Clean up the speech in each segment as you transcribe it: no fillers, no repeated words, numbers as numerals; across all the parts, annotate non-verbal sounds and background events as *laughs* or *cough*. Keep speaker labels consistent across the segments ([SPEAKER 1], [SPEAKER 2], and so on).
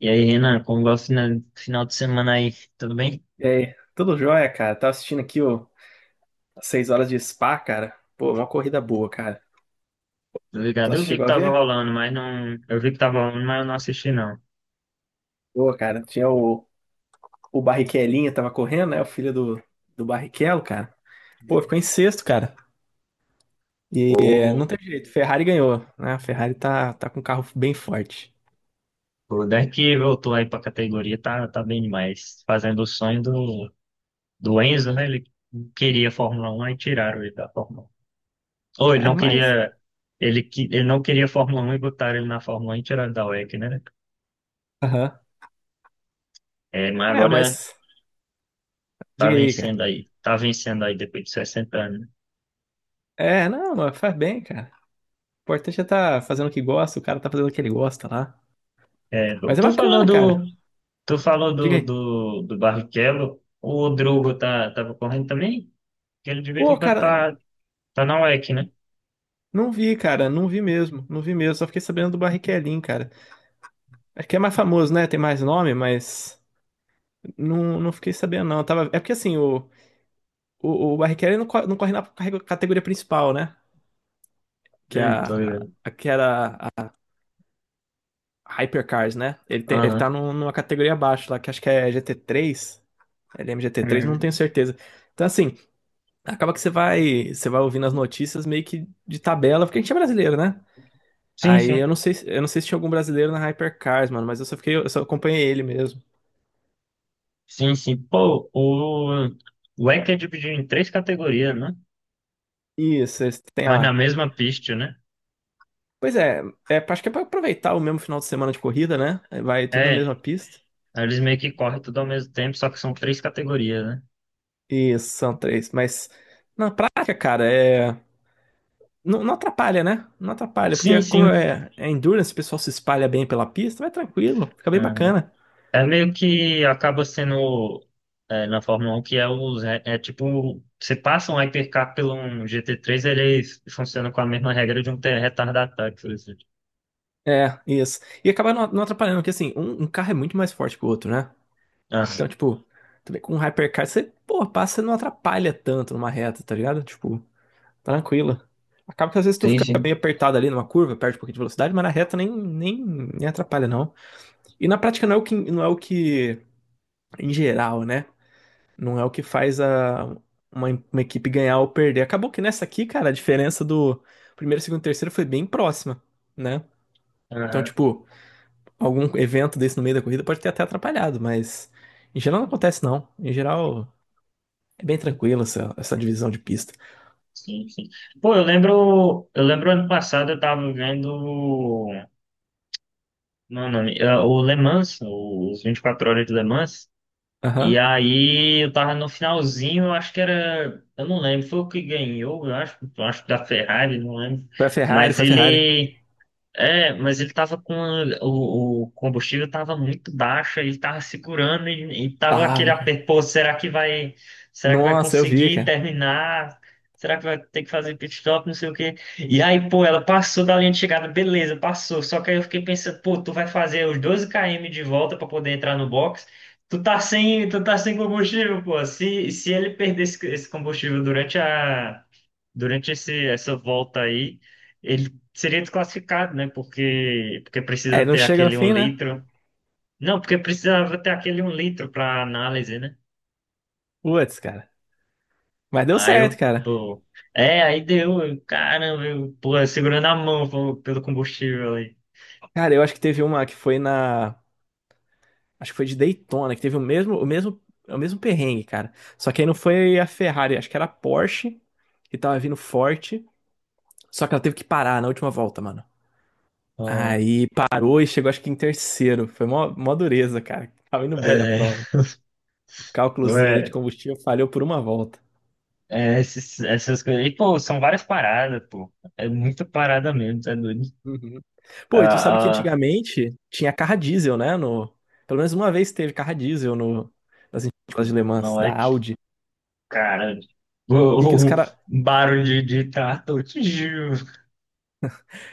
[SPEAKER 1] E aí, Renan, como vai o final de semana aí? Tudo bem?
[SPEAKER 2] E aí, tudo jóia, cara? Tava assistindo aqui, o as 6 horas de Spa, cara. Pô, uma corrida boa, cara.
[SPEAKER 1] Tô ligado?
[SPEAKER 2] Tu
[SPEAKER 1] Eu vi que
[SPEAKER 2] chegou a
[SPEAKER 1] tava
[SPEAKER 2] ver?
[SPEAKER 1] rolando, mas não. Eu vi que tava rolando, mas eu não assisti, não.
[SPEAKER 2] Pô, cara, tinha o Barrichellinha, tava correndo, né? O filho do Barrichello, cara. Pô, ficou em sexto, cara. É, não
[SPEAKER 1] O,
[SPEAKER 2] teve jeito. Ferrari ganhou, né? A Ferrari tá com um carro bem forte.
[SPEAKER 1] o Deck voltou aí pra categoria, tá bem demais. Fazendo o sonho do Enzo, né? Ele queria Fórmula 1 e tiraram ele da Fórmula 1. Ou ele
[SPEAKER 2] É,
[SPEAKER 1] não
[SPEAKER 2] mas.
[SPEAKER 1] queria. Ele não queria Fórmula 1 e botaram ele na Fórmula 1 e tiraram da WEC, né?
[SPEAKER 2] Aham.
[SPEAKER 1] É, mas
[SPEAKER 2] É,
[SPEAKER 1] agora
[SPEAKER 2] mas.
[SPEAKER 1] tá
[SPEAKER 2] Diga aí, cara.
[SPEAKER 1] vencendo aí. Tá vencendo aí depois de 60 anos, né?
[SPEAKER 2] É, não, mas faz bem, cara. O importante é tá fazendo o que gosta, o cara tá fazendo o que ele gosta lá.
[SPEAKER 1] É,
[SPEAKER 2] Mas é
[SPEAKER 1] tu falou
[SPEAKER 2] bacana, cara.
[SPEAKER 1] do. Tu falou
[SPEAKER 2] Diga
[SPEAKER 1] do,
[SPEAKER 2] aí.
[SPEAKER 1] do, do Barrichello, o Drugo tava correndo também? Que ele de vez
[SPEAKER 2] Pô,
[SPEAKER 1] em quando
[SPEAKER 2] cara.
[SPEAKER 1] tá na UEC, né?
[SPEAKER 2] Não vi, cara, não vi mesmo, não vi mesmo. Só fiquei sabendo do Barrichellinho, cara. Acho que é mais famoso, né? Tem mais nome, mas não, não fiquei sabendo, não. Tava. É porque assim, o, o Barrichello não, não corre na categoria principal, né? Que é
[SPEAKER 1] Tô
[SPEAKER 2] a,
[SPEAKER 1] ligado.
[SPEAKER 2] a, que era a Hypercars, né? Ele
[SPEAKER 1] Aham.
[SPEAKER 2] tá numa categoria abaixo lá, que acho que é GT3, T3 LMGT3, não tenho
[SPEAKER 1] Uhum.
[SPEAKER 2] certeza. Então, assim, acaba que você vai ouvindo as notícias meio que de tabela, porque a gente é brasileiro, né?
[SPEAKER 1] Sim,
[SPEAKER 2] Aí
[SPEAKER 1] sim.
[SPEAKER 2] eu não sei se tinha algum brasileiro na Hypercars, mano, mas eu só acompanhei ele mesmo.
[SPEAKER 1] Sim, sim. Pô, o ECA é dividido em três categorias, né?
[SPEAKER 2] Isso, esse tem
[SPEAKER 1] Mas na
[SPEAKER 2] a.
[SPEAKER 1] mesma pista, né?
[SPEAKER 2] Pois é, acho que é pra aproveitar o mesmo final de semana de corrida, né? Vai tudo na
[SPEAKER 1] É,
[SPEAKER 2] mesma pista.
[SPEAKER 1] eles meio que correm tudo ao mesmo tempo, só que são três categorias, né?
[SPEAKER 2] Isso, são três. Mas na prática, cara, é. Não, não atrapalha, né? Não atrapalha, porque
[SPEAKER 1] Sim,
[SPEAKER 2] como
[SPEAKER 1] sim.
[SPEAKER 2] é endurance, o pessoal se espalha bem pela pista, vai tranquilo, fica bem bacana.
[SPEAKER 1] É meio que acaba sendo na Fórmula 1 que é tipo você passa um hypercar pelo um GT3, ele funciona com a mesma regra de um retardatário, por exemplo.
[SPEAKER 2] É, isso. E acaba não, não atrapalhando, porque assim, um carro é muito mais forte que o outro, né?
[SPEAKER 1] Ah,
[SPEAKER 2] Então, tipo, tu vê com um hypercar, você, pô, passa e não atrapalha tanto numa reta, tá ligado? Tipo, tranquila. Acaba que às vezes tu
[SPEAKER 1] sim,
[SPEAKER 2] fica
[SPEAKER 1] sim.
[SPEAKER 2] meio apertado ali numa curva, perde um pouquinho de velocidade, mas na reta nem atrapalha, não. E na prática não é o que, em geral, né? Não é o que faz uma equipe ganhar ou perder. Acabou que nessa aqui, cara, a diferença do primeiro, segundo e terceiro foi bem próxima, né? Então,
[SPEAKER 1] Aham,
[SPEAKER 2] tipo, algum evento desse no meio da corrida pode ter até atrapalhado, mas em geral não acontece, não. Em geral. É bem tranquilo essa, essa divisão de pista.
[SPEAKER 1] sim, sim. Pô, eu lembro ano passado eu tava vendo não, não, o Le Mans, os 24 horas de Le Mans. E
[SPEAKER 2] Aham.
[SPEAKER 1] aí eu tava no finalzinho, eu acho que era, eu não lembro, foi o que ganhou, eu acho que da Ferrari, não lembro.
[SPEAKER 2] Foi a Ferrari,
[SPEAKER 1] Mas
[SPEAKER 2] foi a Ferrari.
[SPEAKER 1] ele mas ele tava com o combustível, tava muito baixo, ele tava segurando e tava aquele
[SPEAKER 2] Tava,
[SPEAKER 1] aperto,
[SPEAKER 2] cara.
[SPEAKER 1] pô, será que vai
[SPEAKER 2] Nossa, eu vi,
[SPEAKER 1] conseguir
[SPEAKER 2] cara.
[SPEAKER 1] terminar? Será que vai ter que fazer pit stop, não sei o quê. E aí, pô, ela passou da linha de chegada, beleza, passou. Só que aí eu fiquei pensando, pô, tu vai fazer os 12 km de volta para poder entrar no box. Tu tá sem combustível, pô. Se ele perder esse combustível durante essa volta aí, ele seria desclassificado, né? Porque, porque precisa
[SPEAKER 2] É, não
[SPEAKER 1] ter
[SPEAKER 2] chega no
[SPEAKER 1] aquele um
[SPEAKER 2] fim, né?
[SPEAKER 1] litro. Não, porque precisava ter aquele um litro para análise, né?
[SPEAKER 2] Putz, cara. Mas deu
[SPEAKER 1] Aí
[SPEAKER 2] certo,
[SPEAKER 1] eu,
[SPEAKER 2] cara.
[SPEAKER 1] pô. É, aí deu, eu, caramba, eu, pô, eu segurando a mão, pô, pelo combustível aí.
[SPEAKER 2] Cara, eu acho que teve uma que foi na. Acho que foi de Daytona, que teve o mesmo perrengue, cara. Só que aí não foi a Ferrari, acho que era a Porsche, que tava vindo forte. Só que ela teve que parar na última volta, mano.
[SPEAKER 1] Ah,
[SPEAKER 2] Aí parou e chegou, acho que em terceiro. Foi mó, mó dureza, cara. Tava indo bem na
[SPEAKER 1] é,
[SPEAKER 2] prova. O
[SPEAKER 1] pô,
[SPEAKER 2] cálculozinho ali de combustível falhou por uma volta.
[SPEAKER 1] essas coisas. E, pô, são várias paradas, pô. É muita parada mesmo, tá doido?
[SPEAKER 2] Uhum. Pô, e tu
[SPEAKER 1] Ah,
[SPEAKER 2] sabe que
[SPEAKER 1] ah,
[SPEAKER 2] antigamente tinha carro a diesel, né? No. Pelo menos uma vez teve carro a diesel no... nas escolas de Le Mans,
[SPEAKER 1] não é
[SPEAKER 2] da
[SPEAKER 1] que,
[SPEAKER 2] Audi.
[SPEAKER 1] cara, *laughs*
[SPEAKER 2] E que os
[SPEAKER 1] o
[SPEAKER 2] cara.
[SPEAKER 1] barulho de trator, tchiu,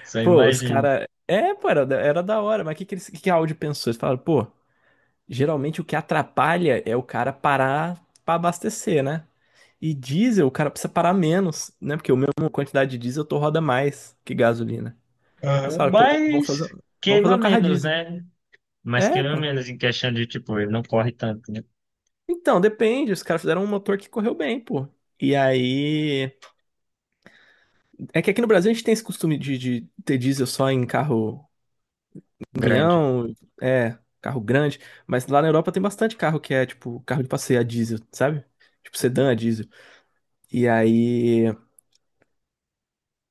[SPEAKER 1] só
[SPEAKER 2] Pô, os
[SPEAKER 1] imagina.
[SPEAKER 2] cara. É, pô, era da hora, mas o que, que, eles... que a Audi pensou? Eles falaram, pô, geralmente o que atrapalha é o cara parar pra abastecer, né? E diesel, o cara precisa parar menos, né? Porque a mesma quantidade de diesel tu roda mais que gasolina. Aí eles
[SPEAKER 1] Aham.
[SPEAKER 2] falaram, pô, vamos fazer,
[SPEAKER 1] Mas
[SPEAKER 2] vamos fazer
[SPEAKER 1] queima
[SPEAKER 2] um carro a
[SPEAKER 1] menos,
[SPEAKER 2] diesel.
[SPEAKER 1] né? Mas
[SPEAKER 2] É,
[SPEAKER 1] queima
[SPEAKER 2] pô.
[SPEAKER 1] menos em questão de, tipo, ele não corre tanto, né?
[SPEAKER 2] Então, depende. Os caras fizeram um motor que correu bem, pô. E aí. É que aqui no Brasil a gente tem esse costume de, ter diesel só em carro
[SPEAKER 1] Grande.
[SPEAKER 2] caminhão, é, carro grande. Mas lá na Europa tem bastante carro que é, tipo, carro de passeio a diesel, sabe? Tipo, sedã a
[SPEAKER 1] Uhum.
[SPEAKER 2] diesel. E aí.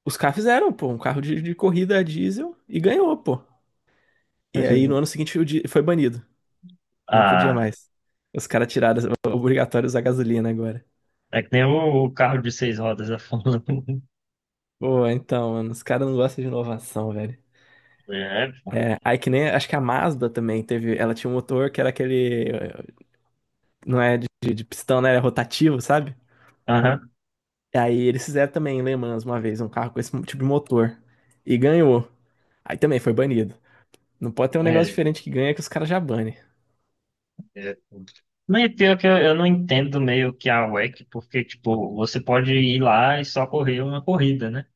[SPEAKER 2] Os caras fizeram, pô, um carro de corrida a diesel e ganhou, pô. E aí no ano
[SPEAKER 1] *laughs*
[SPEAKER 2] seguinte o di- foi banido. Não podia
[SPEAKER 1] Ah,
[SPEAKER 2] mais. Os caras tiraram, obrigatório usar *laughs* gasolina agora.
[SPEAKER 1] é que nem o carro de seis rodas da *laughs* Fórmula 1.
[SPEAKER 2] Pô, então, mano, os caras não gostam de inovação, velho.
[SPEAKER 1] É,
[SPEAKER 2] É, aí que nem, acho que a Mazda também teve, ela tinha um motor que era aquele, não é de pistão, né, era rotativo, sabe?
[SPEAKER 1] aham,
[SPEAKER 2] E aí eles fizeram também em Le Mans uma vez, um carro com esse tipo de motor, e ganhou. Aí também foi banido. Não pode ter um negócio
[SPEAKER 1] é,
[SPEAKER 2] diferente que ganha que os caras já banem.
[SPEAKER 1] é. Mas pior que eu não entendo meio que a WEC, porque, tipo, você pode ir lá e só correr uma corrida, né?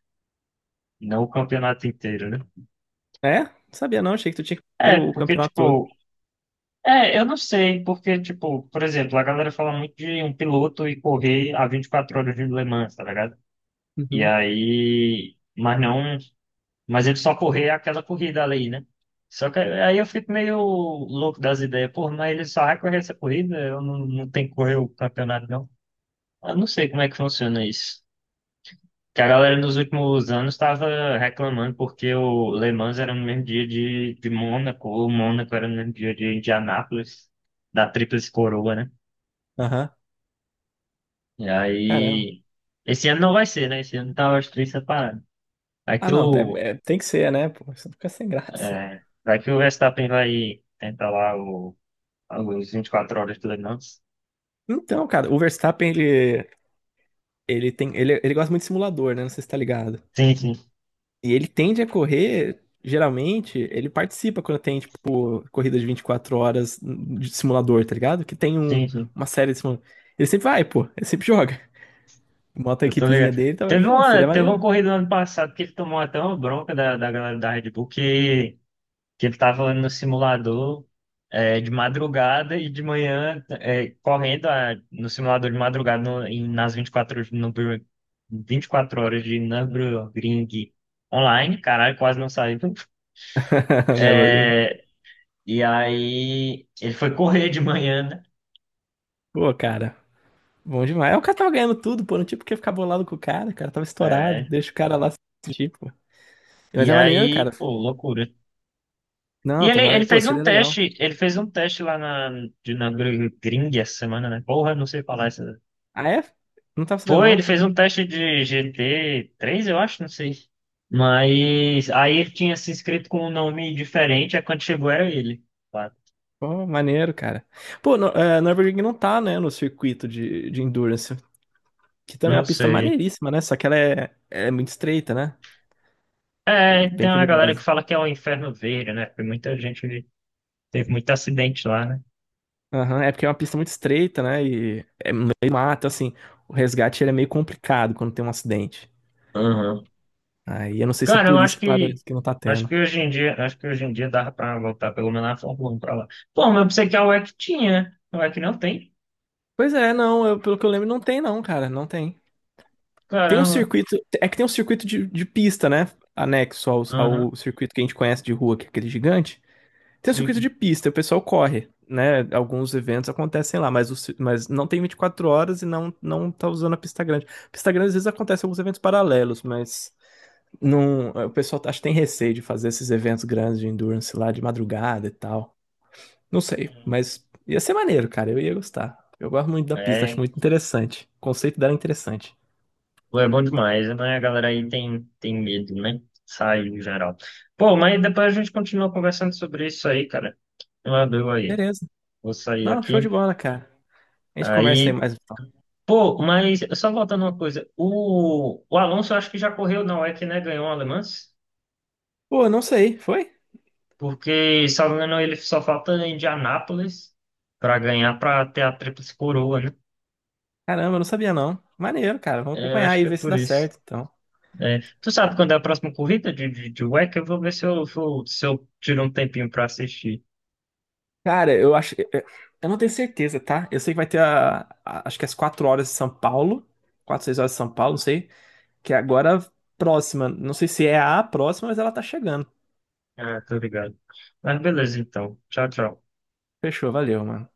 [SPEAKER 1] Não o campeonato inteiro, né?
[SPEAKER 2] É? Não sabia não, achei que tu tinha que pegar
[SPEAKER 1] É,
[SPEAKER 2] o
[SPEAKER 1] porque,
[SPEAKER 2] campeonato todo.
[SPEAKER 1] tipo, é, eu não sei, porque, tipo, por exemplo, a galera fala muito de um piloto e correr a 24 horas de Le Mans, tá ligado? E
[SPEAKER 2] Uhum,
[SPEAKER 1] aí, mas não, mas ele só correr aquela corrida ali, né? Só que aí eu fico meio louco das ideias, pô, mas ele só vai correr essa corrida, eu não, não tenho que correr o campeonato, não. Eu não sei como é que funciona isso. Que a galera nos últimos anos estava reclamando porque o Le Mans era no mesmo dia de Mônaco, o Mônaco era no mesmo dia de Indianápolis, da Tríplice Coroa, né?
[SPEAKER 2] aham,
[SPEAKER 1] E
[SPEAKER 2] caramba.
[SPEAKER 1] aí, esse ano não vai ser, né? Esse ano tá os três separados. Vai
[SPEAKER 2] Ah
[SPEAKER 1] que
[SPEAKER 2] não,
[SPEAKER 1] o,
[SPEAKER 2] tem que ser, né, pô, isso fica sem graça.
[SPEAKER 1] vai que o Verstappen vai tentar lá o, os 24 horas do Le Mans.
[SPEAKER 2] Então, cara, o Verstappen, ele gosta muito de simulador, né, não sei se tá ligado.
[SPEAKER 1] Sim, sim,
[SPEAKER 2] E ele tende a correr, geralmente, ele participa quando tem, tipo, corrida de 24 horas de simulador, tá ligado? Que tem
[SPEAKER 1] sim, sim.
[SPEAKER 2] uma série de simulador. Ele sempre vai, pô, ele sempre joga. *laughs* Bota a
[SPEAKER 1] Eu tô
[SPEAKER 2] equipezinha
[SPEAKER 1] ligado.
[SPEAKER 2] dele, também,
[SPEAKER 1] Teve
[SPEAKER 2] pô,
[SPEAKER 1] uma,
[SPEAKER 2] seria
[SPEAKER 1] teve uma
[SPEAKER 2] maneiro.
[SPEAKER 1] corrida no ano passado que ele tomou até uma bronca da, da galera da Red Bull que ele tava no simulador de madrugada e de manhã correndo no simulador de madrugada no- em- nas 24 horas- no, Bur- 24 horas de Nürburgring online, caralho, quase não saiu.
[SPEAKER 2] *laughs* No Evergreen.
[SPEAKER 1] É, e aí ele foi correr de manhã, né?
[SPEAKER 2] Pô, cara, bom demais. É, o cara tava ganhando tudo, pô, não tinha porque ficar bolado com o cara tava estourado,
[SPEAKER 1] É,
[SPEAKER 2] deixa o cara lá se sentir, pô. Mas
[SPEAKER 1] e
[SPEAKER 2] é maneiro, cara.
[SPEAKER 1] aí, pô, loucura. E
[SPEAKER 2] Não,
[SPEAKER 1] ele,
[SPEAKER 2] tomara,
[SPEAKER 1] ele
[SPEAKER 2] pô,
[SPEAKER 1] fez um
[SPEAKER 2] seria legal.
[SPEAKER 1] teste, ele fez um teste lá de Nürburgring essa semana, né? Porra, não sei falar.
[SPEAKER 2] Ah, é? Não tava sabendo,
[SPEAKER 1] Foi, ele
[SPEAKER 2] não.
[SPEAKER 1] fez um teste de GT três, eu acho, não sei. Mas aí ele tinha se inscrito com um nome diferente, aí quando chegou era ele. Claro.
[SPEAKER 2] Pô, maneiro, cara. Pô, no Evergreen não tá, né, no circuito de endurance. Que também é
[SPEAKER 1] Não
[SPEAKER 2] uma pista
[SPEAKER 1] sei.
[SPEAKER 2] maneiríssima, né? Só que ela é muito estreita, né? É
[SPEAKER 1] É,
[SPEAKER 2] bem
[SPEAKER 1] tem uma galera que
[SPEAKER 2] perigosa.
[SPEAKER 1] fala que é o Inferno Verde, né? Porque muita gente teve muito acidente lá, né?
[SPEAKER 2] Aham, é porque é uma pista muito estreita, né? E no meio mata, assim. O resgate ele é meio complicado quando tem um acidente.
[SPEAKER 1] Aham.
[SPEAKER 2] Aí eu não sei se é
[SPEAKER 1] Cara, eu
[SPEAKER 2] por isso
[SPEAKER 1] acho
[SPEAKER 2] que
[SPEAKER 1] que
[SPEAKER 2] parece que não tá
[SPEAKER 1] acho
[SPEAKER 2] tendo.
[SPEAKER 1] que hoje em dia dava pra voltar pelo menos na Fórmula 1 pra lá. Pô, mas eu pensei que a UEC tinha, né? A UEC não tem.
[SPEAKER 2] Pois é, não, pelo que eu lembro, não tem, não, cara, não tem. Tem um
[SPEAKER 1] Caramba.
[SPEAKER 2] circuito, é que tem um circuito de pista, né? Anexo ao,
[SPEAKER 1] Aham.
[SPEAKER 2] ao circuito que a gente conhece de rua, que é aquele gigante. Tem o circuito
[SPEAKER 1] Sim.
[SPEAKER 2] de pista, o pessoal corre, né? Alguns eventos acontecem lá, mas não tem 24 horas e não, não tá usando a pista grande. Pista grande às vezes acontece alguns eventos paralelos, mas não, o pessoal acho que tem receio de fazer esses eventos grandes de endurance lá de madrugada e tal. Não sei, mas ia ser maneiro, cara. Eu ia gostar. Eu gosto muito da pista, acho
[SPEAKER 1] É,
[SPEAKER 2] muito interessante. O conceito dela é interessante.
[SPEAKER 1] pô, é bom demais, né? A galera aí tem medo, né? Sai em geral. Pô, mas depois a gente continua conversando sobre isso aí, cara. Eu adoro aí.
[SPEAKER 2] Beleza.
[SPEAKER 1] Vou sair
[SPEAKER 2] Não, show de
[SPEAKER 1] aqui.
[SPEAKER 2] bola, cara. A gente conversa aí
[SPEAKER 1] Aí,
[SPEAKER 2] mais, então.
[SPEAKER 1] pô, mas só voltando uma coisa. O Alonso eu acho que já correu na UEC, né? Ganhou o Le Mans.
[SPEAKER 2] Pô, não sei, foi?
[SPEAKER 1] Porque, se eu não me engano, ele só falta em Indianápolis para ganhar, para ter a tríplice coroa, né?
[SPEAKER 2] Caramba, eu não sabia, não. Maneiro, cara. Vamos
[SPEAKER 1] É, eu
[SPEAKER 2] acompanhar
[SPEAKER 1] acho
[SPEAKER 2] aí e
[SPEAKER 1] que é
[SPEAKER 2] ver se
[SPEAKER 1] por
[SPEAKER 2] dá
[SPEAKER 1] isso.
[SPEAKER 2] certo, então.
[SPEAKER 1] É, tu sabe quando é a próxima corrida de UEC? Eu vou ver se eu, se eu tiro um tempinho para assistir.
[SPEAKER 2] Cara, eu acho. Eu não tenho certeza, tá? Eu sei que vai ter acho que as 4 horas de São Paulo. Quatro 6 horas de São Paulo, não sei. Que é agora próxima. Não sei se é a próxima, mas ela tá chegando.
[SPEAKER 1] Ah, tô ligado. Mas beleza, então. Tchau, tchau.
[SPEAKER 2] Fechou, valeu, mano.